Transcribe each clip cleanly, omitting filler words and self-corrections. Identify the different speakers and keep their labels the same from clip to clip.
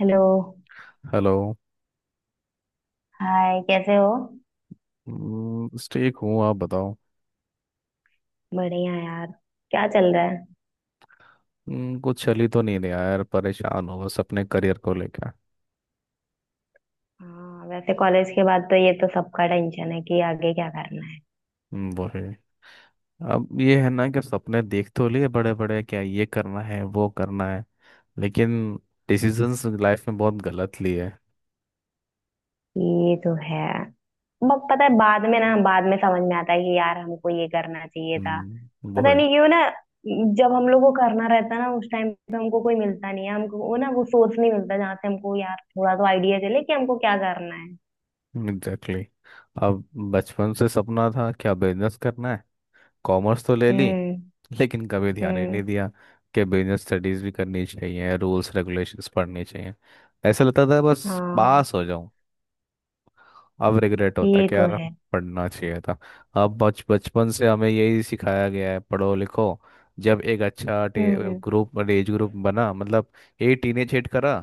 Speaker 1: Hello.
Speaker 2: Hello.
Speaker 1: Hi कैसे हो।
Speaker 2: बस ठीक हूँ। आप बताओ।
Speaker 1: बढ़िया यार। क्या चल रहा है।
Speaker 2: कुछ चल ही तो नहीं रहा यार। परेशान हो बस अपने करियर को लेकर।
Speaker 1: हाँ वैसे कॉलेज के बाद तो ये तो सबका टेंशन है कि आगे क्या करना है।
Speaker 2: वो है। अब ये है ना कि सपने देख तो लिए बड़े बड़े, क्या ये करना है वो करना है। लेकिन डिसीजंस लाइफ में बहुत गलत लिए।
Speaker 1: ये तो है। पता है बाद में ना बाद में समझ में आता है कि यार हमको ये करना चाहिए था।
Speaker 2: वो
Speaker 1: पता
Speaker 2: है।
Speaker 1: नहीं क्यों ना। जब हम लोग को करना रहता है ना उस टाइम पे हमको कोई मिलता नहीं है, हमको वो ना वो सोर्स नहीं मिलता जहाँ से हमको यार थोड़ा तो आइडिया चले कि हमको क्या करना है।
Speaker 2: Exactly exactly। अब बचपन से सपना था क्या, बिजनेस करना है। कॉमर्स तो ले ली।
Speaker 1: हम्म।
Speaker 2: लेकिन कभी ध्यान ही
Speaker 1: हम्म।
Speaker 2: नहीं दिया कि बिजनेस स्टडीज भी करनी चाहिए, रूल्स रेगुलेशंस पढ़नी चाहिए। ऐसा लगता था बस
Speaker 1: हाँ,
Speaker 2: पास हो। अब रिग्रेट होता है
Speaker 1: ये
Speaker 2: कि
Speaker 1: तो
Speaker 2: यार
Speaker 1: है।
Speaker 2: पढ़ना चाहिए था। अब बच बचपन से हमें यही सिखाया गया है, पढ़ो लिखो। जब एक अच्छा
Speaker 1: हम्म।
Speaker 2: ग्रुप एज ग्रुप बना मतलब, ये टीनेज हिट करा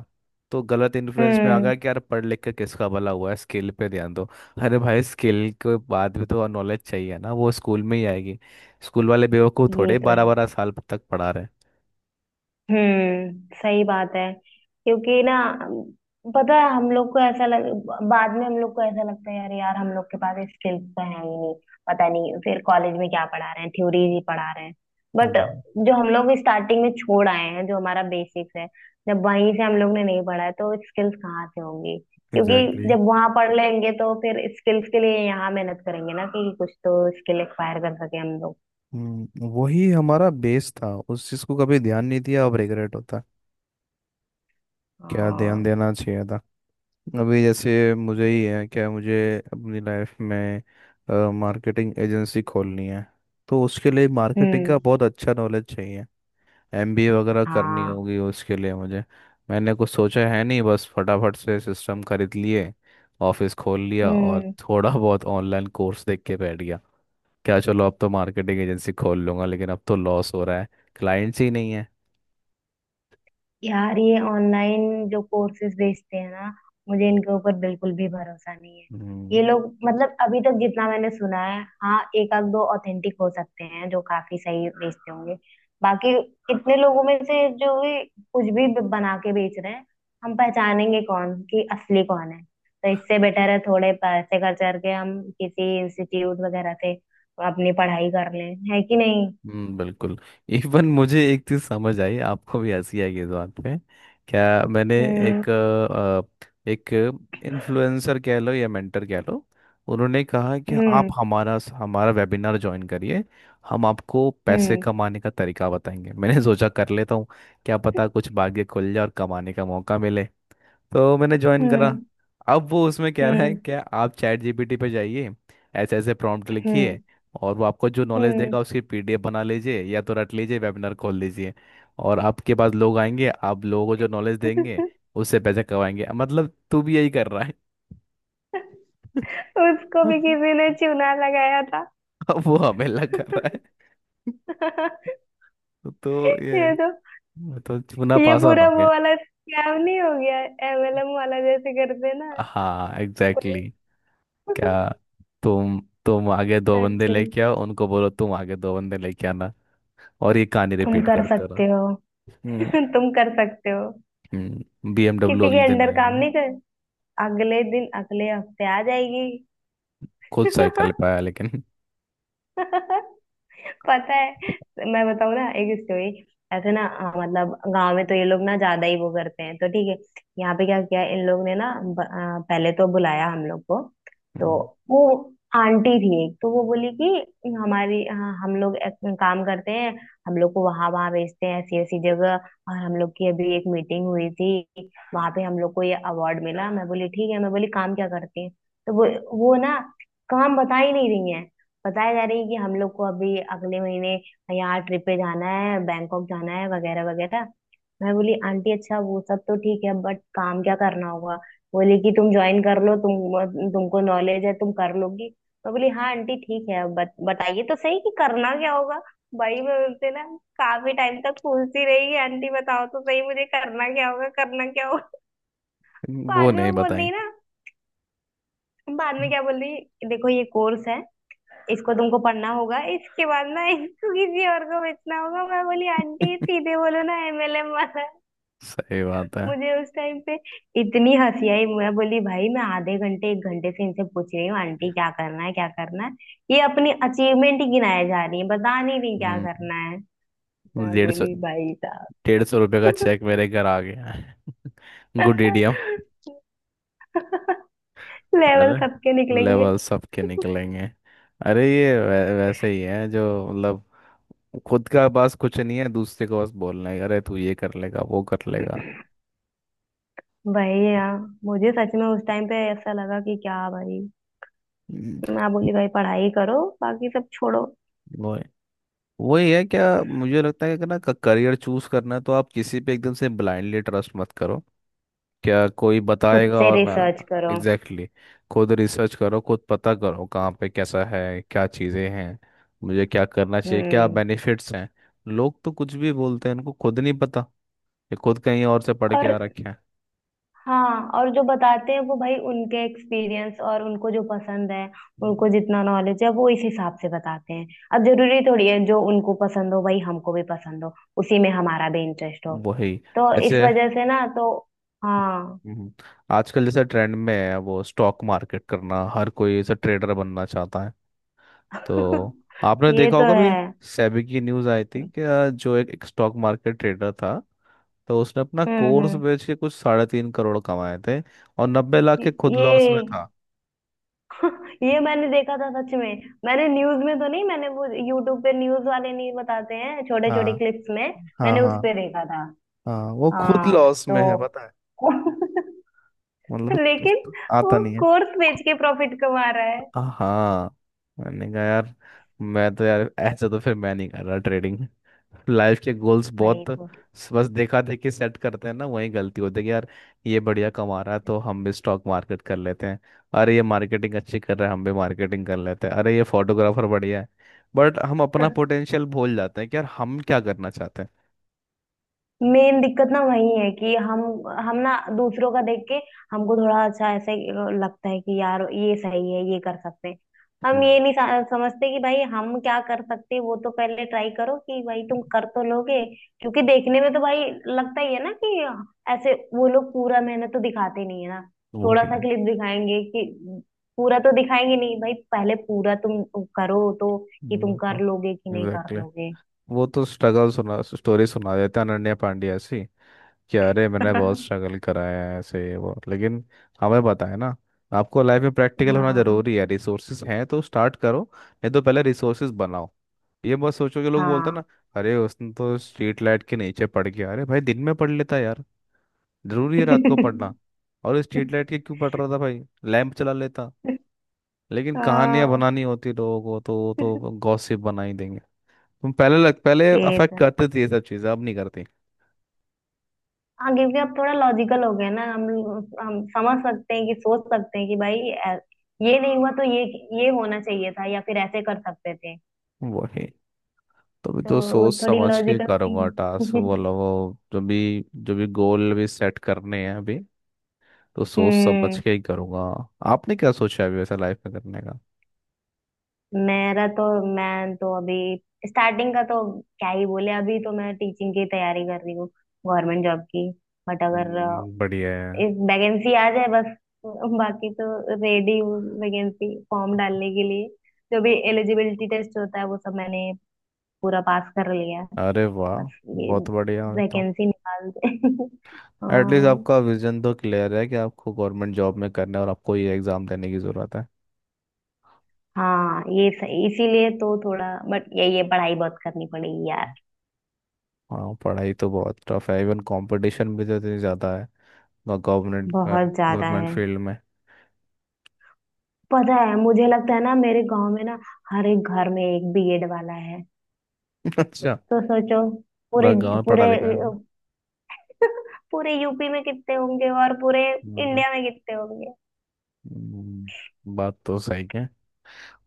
Speaker 2: तो गलत इन्फ्लुएंस में आ
Speaker 1: हम्म।
Speaker 2: गया कि यार पढ़ लिख के किसका भला हुआ है, स्किल पे ध्यान दो। अरे भाई स्किल के बाद भी तो नॉलेज चाहिए ना, वो स्कूल में ही आएगी। स्कूल वाले बेवकूफ़
Speaker 1: ये
Speaker 2: थोड़े
Speaker 1: तो
Speaker 2: बारह
Speaker 1: है।
Speaker 2: बारह साल तक पढ़ा रहे
Speaker 1: हम्म, सही बात है। क्योंकि ना पता है हम लोग को ऐसा लग। बाद में हम लोग को ऐसा लगता है यार, यार हम लोग के पास स्किल्स तो है ही नहीं। पता नहीं फिर कॉलेज में क्या पढ़ा रहे हैं, थ्योरीज ही पढ़ा रहे हैं। बट
Speaker 2: हैं।
Speaker 1: जो हम लोग स्टार्टिंग में छोड़ आए हैं जो हमारा बेसिक्स है, जब वहीं से हम लोग ने नहीं पढ़ा है तो स्किल्स कहाँ से होंगी। क्योंकि
Speaker 2: एग्जैक्टली exactly।
Speaker 1: जब वहां पढ़ लेंगे तो फिर स्किल्स के लिए यहाँ मेहनत करेंगे ना कि कुछ तो स्किल एक्वायर कर सके हम लोग।
Speaker 2: वही हमारा बेस था, उस चीज को कभी ध्यान नहीं दिया। अब रिग्रेट होता है क्या, ध्यान
Speaker 1: हाँ।
Speaker 2: देना चाहिए था। अभी जैसे मुझे ही है, क्या मुझे अपनी लाइफ में मार्केटिंग एजेंसी खोलनी है, तो उसके लिए मार्केटिंग
Speaker 1: हम्म।
Speaker 2: का बहुत अच्छा नॉलेज चाहिए। एमबीए वगैरह करनी
Speaker 1: हाँ।
Speaker 2: होगी उसके लिए मुझे। मैंने कुछ सोचा है नहीं, बस फटाफट से सिस्टम खरीद लिए। ऑफिस खोल लिया और
Speaker 1: हम्म।
Speaker 2: थोड़ा बहुत ऑनलाइन कोर्स देख के बैठ गया। क्या चलो, अब तो मार्केटिंग एजेंसी खोल लूंगा लेकिन अब तो लॉस हो रहा है। क्लाइंट्स ही नहीं है।
Speaker 1: यार ये ऑनलाइन जो कोर्सेज बेचते हैं ना, मुझे इनके ऊपर बिल्कुल भी भरोसा नहीं है।
Speaker 2: हम्म।
Speaker 1: ये लोग मतलब अभी तक जितना मैंने सुना है, हाँ एक आध दो ऑथेंटिक हो सकते हैं जो काफी सही बेचते होंगे। बाकी इतने लोगों में से जो भी कुछ भी बना के बेच रहे हैं, हम पहचानेंगे कौन कि असली कौन है, तो इससे बेटर है थोड़े पैसे खर्च करके हम किसी इंस्टीट्यूट वगैरह से अपनी पढ़ाई कर लें, है कि नहीं।
Speaker 2: बिल्कुल। इवन मुझे एक चीज समझ आई, आपको भी हंसी आएगी इस बात पे। क्या, मैंने
Speaker 1: हम्म।
Speaker 2: एक एक इन्फ्लुएंसर कह लो या मेंटर कह लो, उन्होंने कहा कि आप
Speaker 1: हम्म।
Speaker 2: हमारा हमारा वेबिनार ज्वाइन करिए। हम आपको पैसे
Speaker 1: हम्म।
Speaker 2: कमाने का तरीका बताएंगे। मैंने सोचा कर लेता हूँ, क्या पता कुछ भाग्य खुल जाए और कमाने का मौका मिले। तो मैंने ज्वाइन करा।
Speaker 1: हम्म।
Speaker 2: अब वो उसमें कह रहा है
Speaker 1: हम्म।
Speaker 2: कि आप चैट जीपीटी पे जाइए, ऐसे ऐसे प्रॉम्प्ट
Speaker 1: हम्म।
Speaker 2: लिखिए और वो आपको जो नॉलेज
Speaker 1: हम्म।
Speaker 2: देगा उसकी पीडीएफ बना लीजिए या तो रट लीजिए, वेबिनार खोल लीजिए और आपके पास लोग आएंगे, आप लोगों को जो नॉलेज देंगे उससे पैसे कमाएंगे। मतलब तू भी यही कर रहा है।
Speaker 1: उसको भी किसी ने चूना लगाया था।
Speaker 2: अब वो हमें लग कर रहा है। तो ये
Speaker 1: ये तो
Speaker 2: तो चूना
Speaker 1: ये
Speaker 2: पासा
Speaker 1: पूरा
Speaker 2: हो
Speaker 1: वो
Speaker 2: गया।
Speaker 1: वाला स्कैम नहीं हो गया, एमएलएम वाला जैसे करते हैं ना
Speaker 2: हाँ,
Speaker 1: वो।
Speaker 2: Exactly exactly। क्या तुम तुम आगे दो
Speaker 1: सच
Speaker 2: बंदे
Speaker 1: में।
Speaker 2: लेके आओ, उनको बोलो तुम आगे दो बंदे लेके आना, और ये कहानी
Speaker 1: तुम
Speaker 2: रिपीट
Speaker 1: कर
Speaker 2: करते रहा।
Speaker 1: सकते हो।
Speaker 2: हम्म।
Speaker 1: तुम कर सकते हो।
Speaker 2: बीएमडब्ल्यू
Speaker 1: किसी के
Speaker 2: अगले दिन
Speaker 1: अंडर काम
Speaker 2: आएगी।
Speaker 1: नहीं कर, अगले दिन अगले हफ्ते आ जाएगी।
Speaker 2: खुद साइकिल पे आया लेकिन।
Speaker 1: पता है, मैं बताऊँ ना एक स्टोरी। ऐसे ना, मतलब गांव में तो ये लोग ना ज्यादा ही वो करते हैं तो ठीक है। यहाँ पे क्या किया इन लोग ने ना, पहले तो बुलाया हम लोग को। तो
Speaker 2: हम्म।
Speaker 1: वो आंटी थी एक, तो वो बोली कि हमारी, हाँ, हम लोग एक काम करते हैं, हम लोग को वहां वहां भेजते हैं ऐसी ऐसी जगह, और हम लोग की अभी एक मीटिंग हुई थी, वहां पे हम लोग को ये अवार्ड मिला। मैं बोली ठीक है, मैं बोली काम क्या करती है। तो वो ना काम बता ही नहीं रही है। बताया जा रही है कि हम लोग को अभी अगले महीने यहाँ ट्रिप पे जाना है, बैंकॉक जाना है वगैरह वगैरह। मैं बोली आंटी, अच्छा वो सब तो ठीक है बट काम क्या करना होगा। बोली कि तुम ज्वाइन कर लो, तुमको नॉलेज है, तुम कर लोगी। मैं बोली हाँ आंटी ठीक है, बताइए तो सही कि करना क्या होगा। भाई मैं बोलते ना, काफी टाइम तक पूछती रही कि आंटी बताओ तो सही मुझे करना क्या होगा करना क्या होगा।
Speaker 2: वो
Speaker 1: बाद में
Speaker 2: नहीं
Speaker 1: वो बोल रही
Speaker 2: बताई।
Speaker 1: ना, बाद में क्या बोल रही, देखो ये कोर्स है, इसको तुमको पढ़ना होगा, इसके बाद ना इसको किसी और को बेचना होगा। मैं बोली आंटी सीधे बोलो ना, एमएलएम वाला।
Speaker 2: सही बात है।
Speaker 1: मुझे उस टाइम पे इतनी हंसी आई, मैं बोली भाई मैं आधे घंटे एक घंटे से इनसे पूछ रही हूँ आंटी क्या करना है क्या करना है, ये अपनी अचीवमेंट ही गिनाए जा रही है, बता नहीं रही क्या
Speaker 2: हम्म।
Speaker 1: करना है। मैं
Speaker 2: डेढ़ सौ
Speaker 1: बोली भाई साहब।
Speaker 2: डेढ़ सौ रुपये का चेक मेरे घर आ गया है गुड एडीएम।
Speaker 1: लेवल
Speaker 2: अरे,
Speaker 1: सबके निकलेंगे।
Speaker 2: लेवल सबके निकलेंगे। अरे ये वैसे ही है, जो मतलब खुद का पास कुछ नहीं है, दूसरे को बस बोलना है अरे तू ये कर लेगा वो कर लेगा।
Speaker 1: भाई यार, मुझे सच में उस टाइम पे ऐसा लगा कि क्या भाई।
Speaker 2: हम्म।
Speaker 1: मैं बोली भाई पढ़ाई करो, बाकी सब छोड़ो।
Speaker 2: वो है। वही है क्या, मुझे लगता है कि अगर ना करियर चूज करना है, तो आप किसी पे एकदम से ब्लाइंडली ट्रस्ट मत करो। क्या कोई
Speaker 1: खुद
Speaker 2: बताएगा
Speaker 1: से
Speaker 2: और मैं
Speaker 1: रिसर्च करो।
Speaker 2: एग्जैक्टली exactly, खुद रिसर्च करो खुद पता करो कहाँ पे कैसा है, क्या चीज़ें हैं, मुझे क्या करना चाहिए, क्या
Speaker 1: हम्म।
Speaker 2: बेनिफिट्स हैं। लोग तो कुछ भी बोलते हैं, उनको खुद नहीं पता, ये खुद कहीं और से पढ़ के
Speaker 1: और
Speaker 2: आ रखे हैं।
Speaker 1: हाँ, और जो बताते हैं वो भाई उनके एक्सपीरियंस और उनको जो पसंद है, उनको जितना नॉलेज है वो इस हिसाब से बताते हैं। अब जरूरी थोड़ी है जो उनको पसंद हो भाई हमको भी पसंद हो, उसी में हमारा भी इंटरेस्ट हो।
Speaker 2: वही,
Speaker 1: तो इस
Speaker 2: ऐसे।
Speaker 1: वजह से ना तो, हाँ।
Speaker 2: हम्म, आजकल जैसा ट्रेंड में है वो स्टॉक मार्केट करना, हर कोई ऐसा ट्रेडर बनना चाहता है। तो आपने
Speaker 1: ये
Speaker 2: देखा
Speaker 1: तो
Speaker 2: होगा भी,
Speaker 1: है।
Speaker 2: सेबी की न्यूज़ आई थी
Speaker 1: हम्म।
Speaker 2: कि जो एक स्टॉक मार्केट ट्रेडर था, तो उसने अपना कोर्स
Speaker 1: हम्म।
Speaker 2: बेच के कुछ 3.5 करोड़ कमाए थे और 90 लाख के खुद
Speaker 1: ये
Speaker 2: लॉस में था।
Speaker 1: ये मैंने देखा था सच में, मैंने न्यूज में तो नहीं, मैंने वो यूट्यूब पे, न्यूज वाले नहीं बताते हैं छोटे छोटे
Speaker 2: हाँ,
Speaker 1: क्लिप्स में,
Speaker 2: हाँ।
Speaker 1: मैंने उस
Speaker 2: हाँ
Speaker 1: पे देखा था।
Speaker 2: हाँ, वो खुद
Speaker 1: हाँ।
Speaker 2: लॉस में है
Speaker 1: तो
Speaker 2: पता है। मतलब
Speaker 1: लेकिन वो
Speaker 2: आता नहीं है।
Speaker 1: कोर्स बेच के प्रॉफिट कमा रहा है।
Speaker 2: हाँ हाँ। मैंने कहा यार, मैं तो यार ऐसा तो फिर मैं नहीं कर रहा ट्रेडिंग। लाइफ के गोल्स बहुत
Speaker 1: वही तो।
Speaker 2: बस देखा देखी सेट करते हैं ना, वही गलती होती है कि यार ये बढ़िया कमा रहा है तो हम भी स्टॉक मार्केट कर लेते हैं, अरे ये मार्केटिंग अच्छी कर रहा है हम भी मार्केटिंग कर लेते हैं, अरे ये फोटोग्राफर बढ़िया है। बट हम अपना पोटेंशियल भूल जाते हैं कि यार हम क्या करना चाहते हैं।
Speaker 1: मेन दिक्कत ना वही है कि हम ना दूसरों का देख के हमको थोड़ा अच्छा ऐसे लगता है कि यार ये सही है, ये कर सकते हैं। हम
Speaker 2: हम्म,
Speaker 1: ये नहीं समझते कि भाई हम क्या कर सकते हैं, वो तो पहले ट्राई करो कि भाई तुम कर तो लोगे। क्योंकि देखने में तो भाई लगता ही है ना कि ऐसे वो लोग पूरा मेहनत तो दिखाते नहीं है ना, थोड़ा सा
Speaker 2: वही।
Speaker 1: क्लिप दिखाएंगे कि पूरा तो दिखाएंगे नहीं, भाई पहले पूरा तुम करो तो, कि तुम कर लोगे कि नहीं कर
Speaker 2: एग्जैक्टली।
Speaker 1: लोगे।
Speaker 2: वो तो स्ट्रगल सुना स्टोरी सुना देते हैं, अनन्या पांड्या ऐसी, कि अरे मैंने बहुत स्ट्रगल कराया है ऐसे ये वो, लेकिन हमें पता है ना, आपको लाइफ में प्रैक्टिकल होना
Speaker 1: हाँ
Speaker 2: जरूरी है, रिसोर्सेज हैं तो स्टार्ट करो नहीं तो पहले रिसोर्सेज बनाओ। ये मत सोचो कि लोग बोलते हैं ना,
Speaker 1: हाँ
Speaker 2: अरे उसने तो स्ट्रीट लाइट के नीचे पढ़ गया, अरे भाई दिन में पढ़ लेता यार, जरूरी है रात को पढ़ना? और
Speaker 1: हाँ।
Speaker 2: स्ट्रीट लाइट के क्यों पढ़ रहा था भाई, लैंप चला लेता। लेकिन कहानियां बनानी होती लोगों को, तो वो तो गॉसिप बना ही देंगे। तुम पहले
Speaker 1: ये
Speaker 2: अफेक्ट
Speaker 1: तो
Speaker 2: करते थे ये सब चीजें, अब नहीं करते।
Speaker 1: हाँ, क्योंकि अब थोड़ा लॉजिकल हो गया ना हम समझ सकते हैं कि सोच सकते हैं कि भाई ये नहीं हुआ तो ये होना चाहिए था या फिर ऐसे कर सकते थे।
Speaker 2: वही, तो भी
Speaker 1: तो
Speaker 2: तो
Speaker 1: वो
Speaker 2: सोच
Speaker 1: थोड़ी
Speaker 2: समझ के
Speaker 1: लॉजिकल थी।
Speaker 2: करूंगा, टास्क बोलो वो जो भी गोल भी सेट करने हैं अभी, तो सोच समझ
Speaker 1: हम्म।
Speaker 2: के ही करूंगा। आपने क्या सोचा है अभी वैसे लाइफ में करने का?
Speaker 1: मेरा तो, मैं तो अभी स्टार्टिंग का तो क्या ही बोले, अभी तो मैं टीचिंग की तैयारी कर रही हूँ, गवर्नमेंट जॉब की। बट अगर
Speaker 2: बढ़िया है।
Speaker 1: एक वैकेंसी आ जाए बस, बाकी तो रेडी हूँ वैकेंसी फॉर्म डालने के लिए। जो भी एलिजिबिलिटी टेस्ट होता है वो सब मैंने पूरा पास कर लिया है।
Speaker 2: अरे वाह,
Speaker 1: बस ये
Speaker 2: बहुत बढ़िया है तो।
Speaker 1: वैकेंसी निकाल दे।
Speaker 2: एटलीस्ट
Speaker 1: हाँ।
Speaker 2: आपका विजन तो क्लियर है कि आपको गवर्नमेंट जॉब में करना है और आपको ये एग्ज़ाम देने की ज़रूरत है।
Speaker 1: हाँ, ये सही, इसीलिए तो थोड़ा बट ये पढ़ाई बहुत करनी पड़ेगी यार।
Speaker 2: हाँ, पढ़ाई तो बहुत टफ है, इवन कंपटीशन भी तो इतनी ज़्यादा है। गवर्नमेंट
Speaker 1: बहुत ज्यादा
Speaker 2: गवर्नमेंट
Speaker 1: है।
Speaker 2: फील्ड में
Speaker 1: पता है मुझे लगता है ना मेरे गांव में ना हर एक घर में एक बीएड वाला है।
Speaker 2: अच्छा,
Speaker 1: तो सोचो,
Speaker 2: पूरा
Speaker 1: पूरे
Speaker 2: गांव पढ़ा
Speaker 1: पूरे
Speaker 2: लिखा है
Speaker 1: पूरे यूपी में कितने होंगे और पूरे
Speaker 2: ना।
Speaker 1: इंडिया में कितने होंगे।
Speaker 2: बात तो सही है।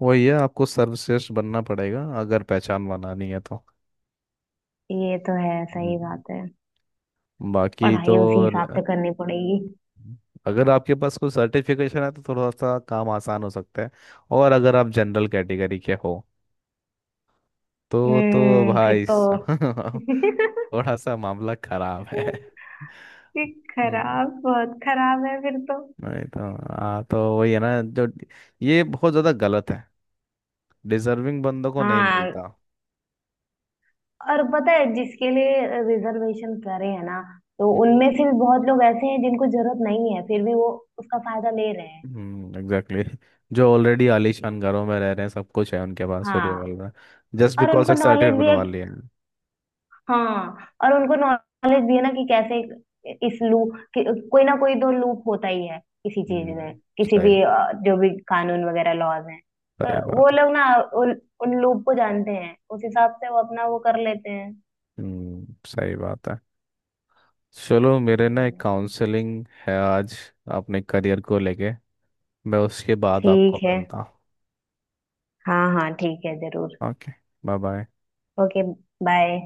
Speaker 2: वही है, आपको सर्वश्रेष्ठ बनना पड़ेगा अगर पहचान बनानी है तो।
Speaker 1: ये तो है, सही
Speaker 2: हम्म,
Speaker 1: बात है।
Speaker 2: बाकी तो
Speaker 1: पढ़ाई उसी हिसाब
Speaker 2: र-
Speaker 1: से करनी पड़ेगी।
Speaker 2: अगर आपके पास कोई सर्टिफिकेशन है तो थोड़ा सा काम आसान हो सकता है, और अगर आप जनरल कैटेगरी के हो तो
Speaker 1: हम्म, फिर
Speaker 2: भाई
Speaker 1: तो।
Speaker 2: साहब, थोड़ा सा मामला खराब है।
Speaker 1: ये
Speaker 2: हम्म,
Speaker 1: खराब, बहुत खराब है फिर तो।
Speaker 2: नहीं तो हाँ, तो वही है ना जो, ये बहुत ज्यादा गलत है, डिजर्विंग बंदों को नहीं
Speaker 1: हाँ
Speaker 2: मिलता।
Speaker 1: और पता है जिसके लिए रिजर्वेशन करे है ना, तो उनमें से भी बहुत लोग ऐसे हैं जिनको जरूरत नहीं है फिर भी वो उसका फायदा ले रहे हैं।
Speaker 2: हम्म, एग्जैक्टली, जो ऑलरेडी आलीशान घरों में रह रहे हैं, सब कुछ है उनके पास, फिर
Speaker 1: हाँ
Speaker 2: रिवॉल्वर जस्ट
Speaker 1: और
Speaker 2: बिकॉज
Speaker 1: उनको
Speaker 2: एक
Speaker 1: नॉलेज
Speaker 2: सर्टिफिकेट
Speaker 1: भी है।
Speaker 2: बनवा लिए हैं।
Speaker 1: हाँ और उनको नॉलेज भी है ना कि कैसे इस लूप कि, कोई ना कोई तो लूप होता ही है किसी
Speaker 2: हम्म,
Speaker 1: चीज में किसी
Speaker 2: सही
Speaker 1: भी,
Speaker 2: बात।
Speaker 1: जो भी कानून वगैरह लॉज हैं,
Speaker 2: सही
Speaker 1: तो वो
Speaker 2: बात है।
Speaker 1: लोग ना उन, उन लूप को जानते हैं, उस हिसाब से वो अपना वो कर लेते हैं।
Speaker 2: हम्म, सही बात है। चलो मेरे ना
Speaker 1: वही
Speaker 2: एक
Speaker 1: ना।
Speaker 2: काउंसलिंग है आज, अपने करियर को लेके, मैं उसके बाद आपको
Speaker 1: ठीक है,
Speaker 2: मिलता
Speaker 1: हाँ हाँ ठीक है जरूर।
Speaker 2: हूँ। Okay, bye bye.
Speaker 1: Okay bye.